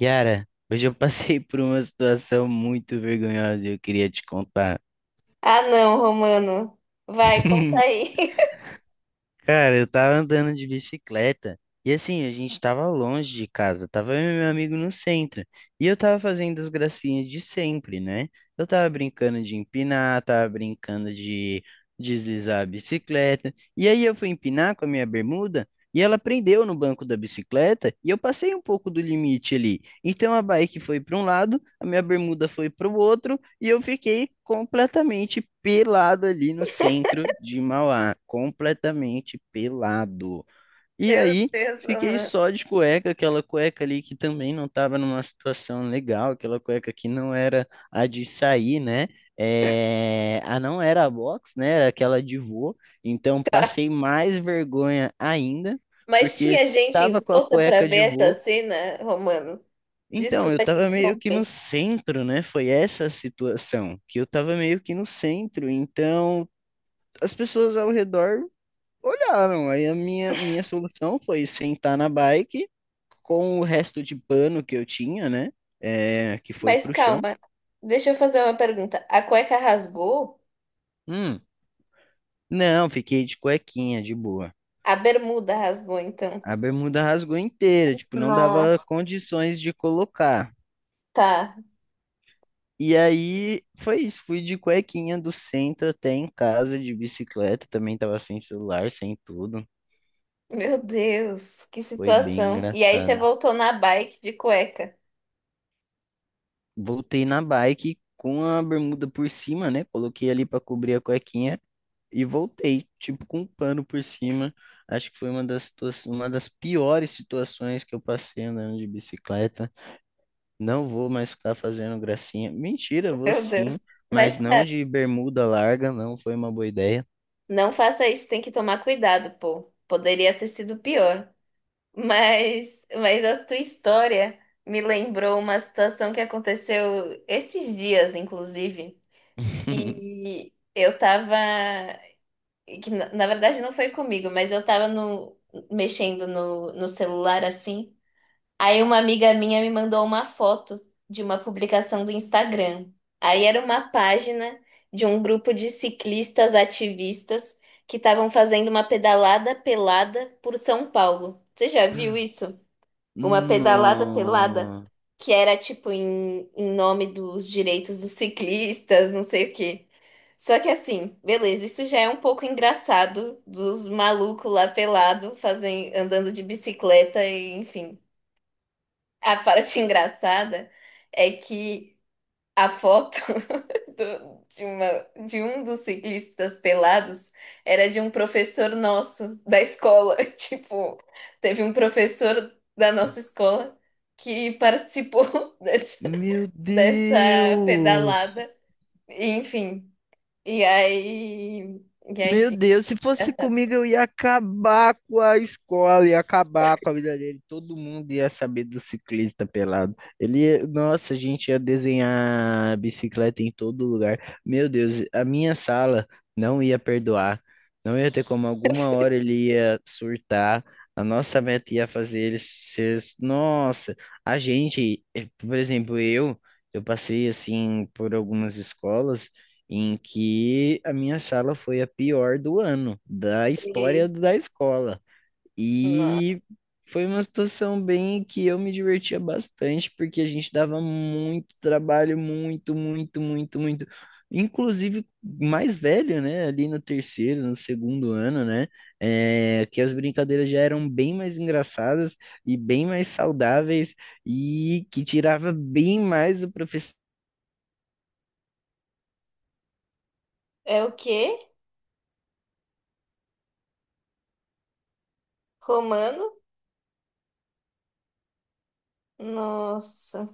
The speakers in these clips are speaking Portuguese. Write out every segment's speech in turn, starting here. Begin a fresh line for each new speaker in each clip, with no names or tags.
Yara, hoje eu passei por uma situação muito vergonhosa e eu queria te contar.
Ah, não, Romano. Vai, conta aí.
Cara, eu tava andando de bicicleta e assim, a gente tava longe de casa, tava eu e meu amigo no centro. E eu tava fazendo as gracinhas de sempre, né? Eu tava brincando de empinar, tava brincando de deslizar a bicicleta. E aí eu fui empinar com a minha bermuda. E ela prendeu no banco da bicicleta e eu passei um pouco do limite ali. Então a bike foi para um lado, a minha bermuda foi para o outro e eu fiquei completamente pelado ali no centro de Mauá, completamente pelado. E
Meu
aí
Deus,
fiquei
Romano.
só de cueca, aquela cueca ali que também não estava numa situação legal, aquela cueca que não era a de sair, né? É, a não era a box, né? Era aquela de vô. Então passei mais vergonha ainda,
Mas
porque
tinha gente
tava
em
com a
volta para
cueca
ver
de
essa
vô.
cena, Romano?
Então, eu
Desculpa te
tava meio que no
interromper.
centro, né? Foi essa a situação, que eu tava meio que no centro. Então, as pessoas ao redor olharam, aí a minha solução foi sentar na bike com o resto de pano que eu tinha, né? É, que foi
Mas
pro chão.
calma, deixa eu fazer uma pergunta. A cueca rasgou?
Hum, não, fiquei de cuequinha, de boa.
A bermuda rasgou, então.
A bermuda rasgou inteira, tipo, não dava
Nossa.
condições de colocar.
Tá.
E aí foi isso, fui de cuequinha do centro até em casa de bicicleta, também tava sem celular, sem tudo.
Meu Deus, que
Foi bem
situação. E aí você
engraçado.
voltou na bike de cueca.
Voltei na bike com a bermuda por cima, né? Coloquei ali pra cobrir a cuequinha. E voltei, tipo, com um pano por cima. Acho que foi uma das, uma das piores situações que eu passei andando de bicicleta. Não vou mais ficar fazendo gracinha. Mentira, vou
Meu
sim,
Deus.
mas
Mas,
não
cara,
de bermuda larga, não foi uma boa ideia.
não faça isso, tem que tomar cuidado, pô. Poderia ter sido pior. Mas a tua história me lembrou uma situação que aconteceu esses dias, inclusive. E eu tava, que na verdade não foi comigo, mas eu tava no, mexendo no celular assim. Aí uma amiga minha me mandou uma foto de uma publicação do Instagram. Aí era uma página de um grupo de ciclistas ativistas que estavam fazendo uma pedalada pelada por São Paulo. Você já viu isso? Uma pedalada pelada
Não.
que era tipo em nome dos direitos dos ciclistas, não sei o quê. Só que assim, beleza, isso já é um pouco engraçado dos malucos lá pelado fazem, andando de bicicleta e enfim. A parte engraçada é que a foto do- de uma, de um dos ciclistas pelados era de um professor nosso da escola. Tipo, teve um professor da nossa escola que participou dessa,
Meu
dessa
Deus!
pedalada. Enfim, e aí, e aí,
Meu
enfim,
Deus, se fosse
engraçado.
comigo, eu ia acabar com a escola, ia acabar com a vida dele. Todo mundo ia saber do ciclista pelado. Ele, nossa, a gente ia desenhar bicicleta em todo lugar. Meu Deus, a minha sala não ia perdoar. Não ia ter como, alguma hora ele ia surtar. A nossa meta ia fazer ele ser. Nossa, a gente, por exemplo, eu passei assim por algumas escolas em que a minha sala foi a pior do ano, da
E,
história da escola.
nossa,
E foi uma situação bem que eu me divertia bastante, porque a gente dava muito trabalho, muito, muito, muito, muito. Inclusive mais velho, né? Ali no terceiro, no segundo ano, né? É, que as brincadeiras já eram bem mais engraçadas e bem mais saudáveis e que tirava bem mais o professor
é o quê? Romano? Nossa,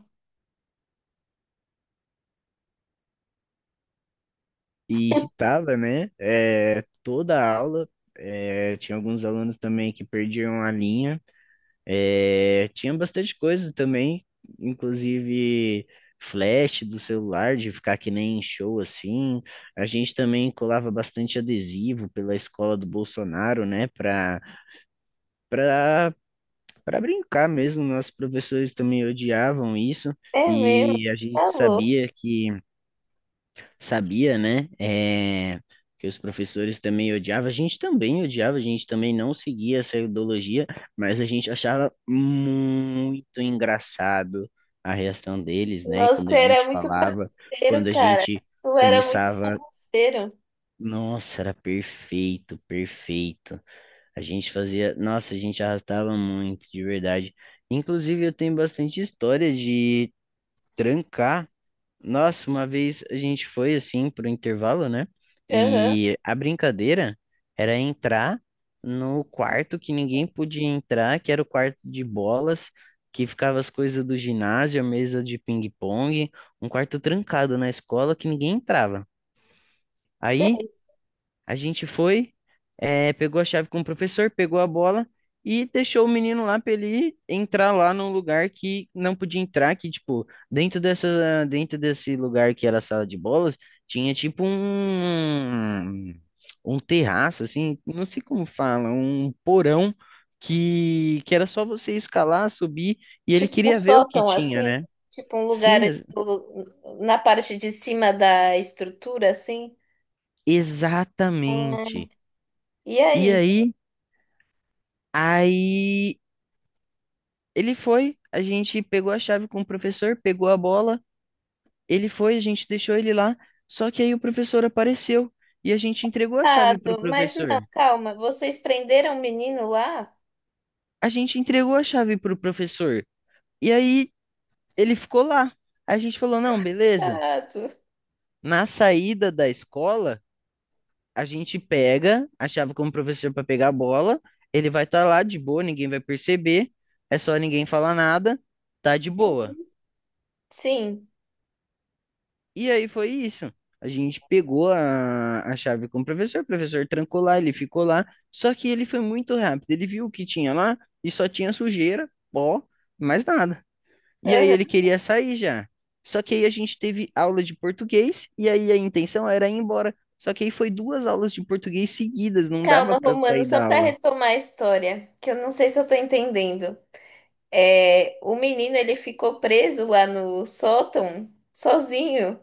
e irritava, né? É, toda a aula. É, tinha alguns alunos também que perdiam a linha. É, tinha bastante coisa também, inclusive flash do celular, de ficar que nem em show assim. A gente também colava bastante adesivo pela escola do Bolsonaro, né? Para para brincar mesmo. Nossos professores também odiavam isso
é mesmo,
e a gente
tá louco.
sabia que sabia, né? É, que os professores também odiavam, a gente também odiava, a gente também não seguia essa ideologia, mas a gente achava muito engraçado a reação deles, né?
Nossa,
Quando a
você era
gente
muito
falava,
bagunceiro,
quando a
cara.
gente
Tu era muito
começava,
bagunceiro.
nossa, era perfeito, perfeito. A gente fazia, nossa, a gente arrastava muito, de verdade. Inclusive, eu tenho bastante história de trancar. Nossa, uma vez a gente foi assim pro intervalo, né?
Aham.
E a brincadeira era entrar no quarto que ninguém podia entrar, que era o quarto de bolas, que ficava as coisas do ginásio, a mesa de ping-pong, um quarto trancado na escola que ninguém entrava. Aí
Sei,
a gente foi, pegou a chave com o professor, pegou a bola e deixou o menino lá para ele entrar lá num lugar que não podia entrar, que tipo, dentro dessa, dentro desse lugar que era a sala de bolas, tinha tipo um terraço assim, não sei como fala, um porão que era só você escalar, subir e ele
tipo um
queria ver o que
sótão
tinha,
assim,
né?
tipo um lugar
Sim,
tipo, na parte de cima da estrutura assim. Ah,
exatamente.
e
E
aí?
aí, aí ele foi, a gente pegou a chave com o professor, pegou a bola, ele foi, a gente deixou ele lá, só que aí o professor apareceu e a gente entregou a chave pro
Tado, mas
professor.
não, calma, vocês prenderam o menino lá?
A gente entregou a chave pro professor e aí ele ficou lá. A gente falou: "Não, beleza.
Tado.
Na saída da escola, a gente pega a chave com o professor para pegar a bola, ele vai estar lá de boa, ninguém vai perceber, é só ninguém falar nada, tá de boa."
Sim.
E aí foi isso. A gente pegou a chave com o professor trancou lá, ele ficou lá. Só que ele foi muito rápido, ele viu o que tinha lá e só tinha sujeira, pó, mais nada. E aí ele
Aham.
queria sair já. Só que aí a gente teve aula de português e aí a intenção era ir embora. Só que aí foi duas aulas de português seguidas, não dava
Calma,
para
Romano,
sair
só
da
para
aula.
retomar a história, que eu não sei se eu tô entendendo. É, o menino ele ficou preso lá no sótão sozinho.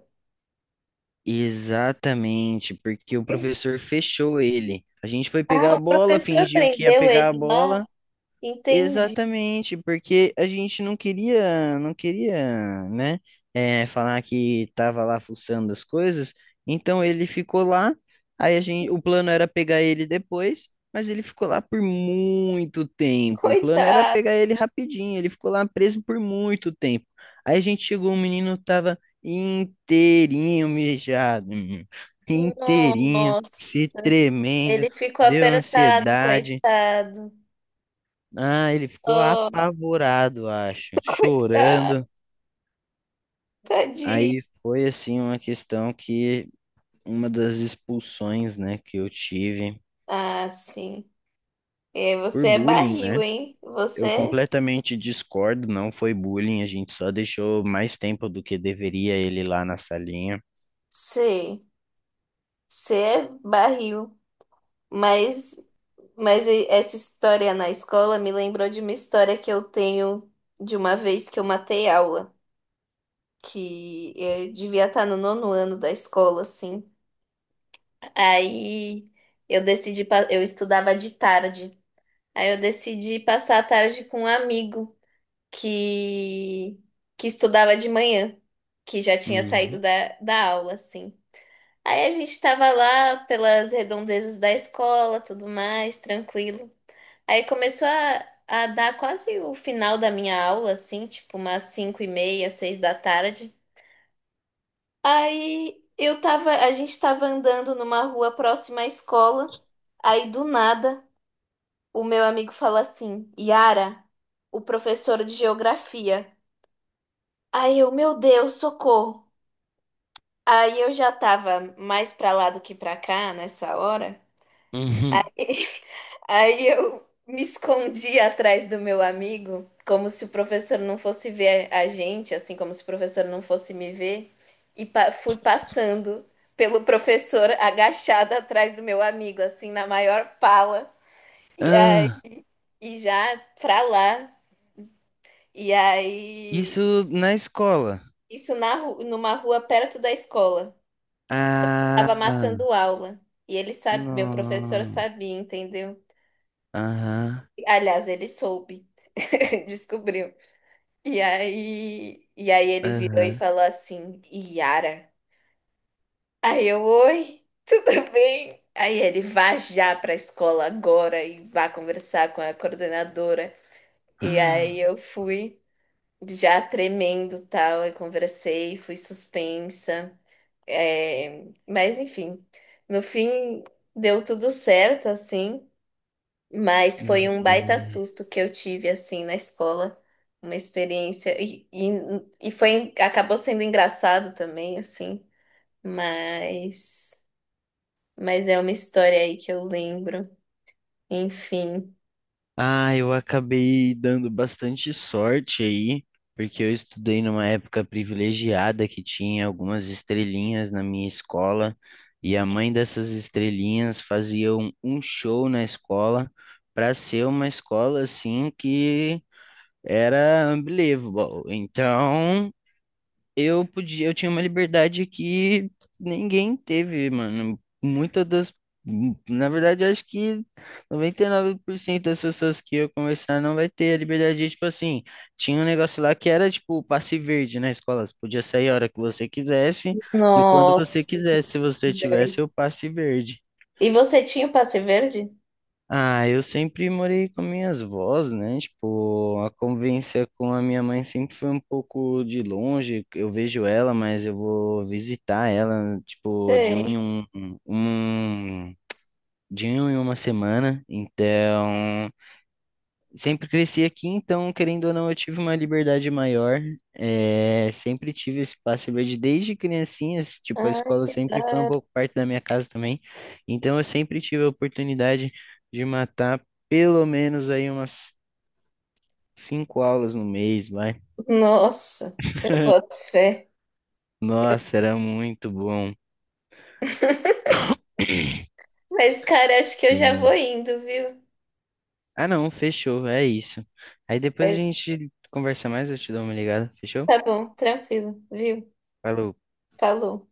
Exatamente, porque o professor fechou ele. A gente foi
Ah,
pegar a
o
bola,
professor
fingiu que ia
prendeu
pegar a
ele lá.
bola.
Entendi.
Exatamente, porque a gente não queria, né, falar que estava lá fuçando as coisas, então ele ficou lá, aí a gente, o plano era pegar ele depois, mas ele ficou lá por muito tempo, o plano era
Coitado.
pegar ele rapidinho, ele ficou lá preso por muito tempo, aí a gente chegou, o menino tava inteirinho mijado, menino, inteirinho, se
Nossa,
tremendo,
ele ficou
deu
apertado,
ansiedade,
coitado.
ah, ele ficou
Oh,
apavorado, acho,
coitado,
chorando.
tadinho.
Aí foi assim uma questão que uma das expulsões, né, que eu tive
Ah, sim. É,
por
você é
bullying,
barril,
né?
hein?
Eu
Você,
completamente discordo, não foi bullying, a gente só deixou mais tempo do que deveria ele lá na salinha.
sei, você é barril. Mas, mas essa história na escola me lembrou de uma história que eu tenho de uma vez que eu matei aula, que eu devia estar no nono ano da escola, assim. Aí eu decidi, eu estudava de tarde. Aí eu decidi passar a tarde com um amigo que, que estudava de manhã, que já tinha saído
Uhum.
da aula, assim. Aí a gente tava lá pelas redondezas da escola, tudo mais, tranquilo. Aí começou a dar quase o final da minha aula, assim, tipo umas 5:30, 6 da tarde. A gente tava andando numa rua próxima à escola. Aí do nada o meu amigo fala assim, Yara, o professor de geografia. Aí eu, meu Deus, socorro. Aí eu já tava mais pra lá do que pra cá nessa hora.
Uhum.
Aí eu me escondi atrás do meu amigo, como se o professor não fosse ver a gente, assim como se o professor não fosse me ver, e fui passando pelo professor agachada atrás do meu amigo, assim, na maior pala. E aí,
Ah,
e já pra lá. E aí.
isso na escola.
Isso numa rua perto da escola. Tava
Ah,
matando aula. E ele sabe, meu professor
não.
sabia, entendeu?
Aham,
Aliás, ele soube. Descobriu. E aí, ele virou e
aham.
falou assim: Yara. Aí eu, oi, tudo bem? Aí ele vá já pra escola agora e vá conversar com a coordenadora. E aí eu fui já tremendo, tal, e conversei, fui suspensa. É, mas enfim, no fim deu tudo certo, assim, mas foi
Meu
um baita
Deus.
susto que eu tive, assim, na escola, uma experiência, e foi, acabou sendo engraçado também, assim, mas, mas é uma história aí que eu lembro, enfim.
Ah, eu acabei dando bastante sorte aí, porque eu estudei numa época privilegiada que tinha algumas estrelinhas na minha escola, e a mãe dessas estrelinhas fazia um show na escola para ser uma escola assim que era unbelievable. Então, eu podia, eu tinha uma liberdade que ninguém teve, mano. Muitas das, na verdade, eu acho que 99% das pessoas que eu conversar não vai ter a liberdade de, tipo assim, tinha um negócio lá que era tipo passe verde na escola, você podia sair a hora que você quisesse e quando você
Nossa,
quisesse, se
que
você tivesse o
dois.
passe verde.
E você tinha o passe verde?
Ah, eu sempre morei com minhas avós, né? Tipo, a convivência com a minha mãe sempre foi um pouco de longe. Eu vejo ela, mas eu vou visitar ela, tipo, de um
Sei.
em um, um um, de um em uma semana. Então, sempre cresci aqui, então, querendo ou não, eu tive uma liberdade maior. É, sempre tive esse passe livre desde criancinhas, tipo, a
Ah,
escola
que da
sempre foi um
hora.
pouco parte da minha casa também. Então, eu sempre tive a oportunidade de matar pelo menos aí umas cinco aulas no mês, vai.
Nossa, eu boto fé.
Nossa, era muito bom.
Mas, cara, acho que eu já vou
Sim.
indo, viu?
Ah, não, fechou, é isso. Aí depois a
É,
gente conversa mais, eu te dou uma ligada, fechou?
tá bom, tranquilo, viu?
Falou.
Falou.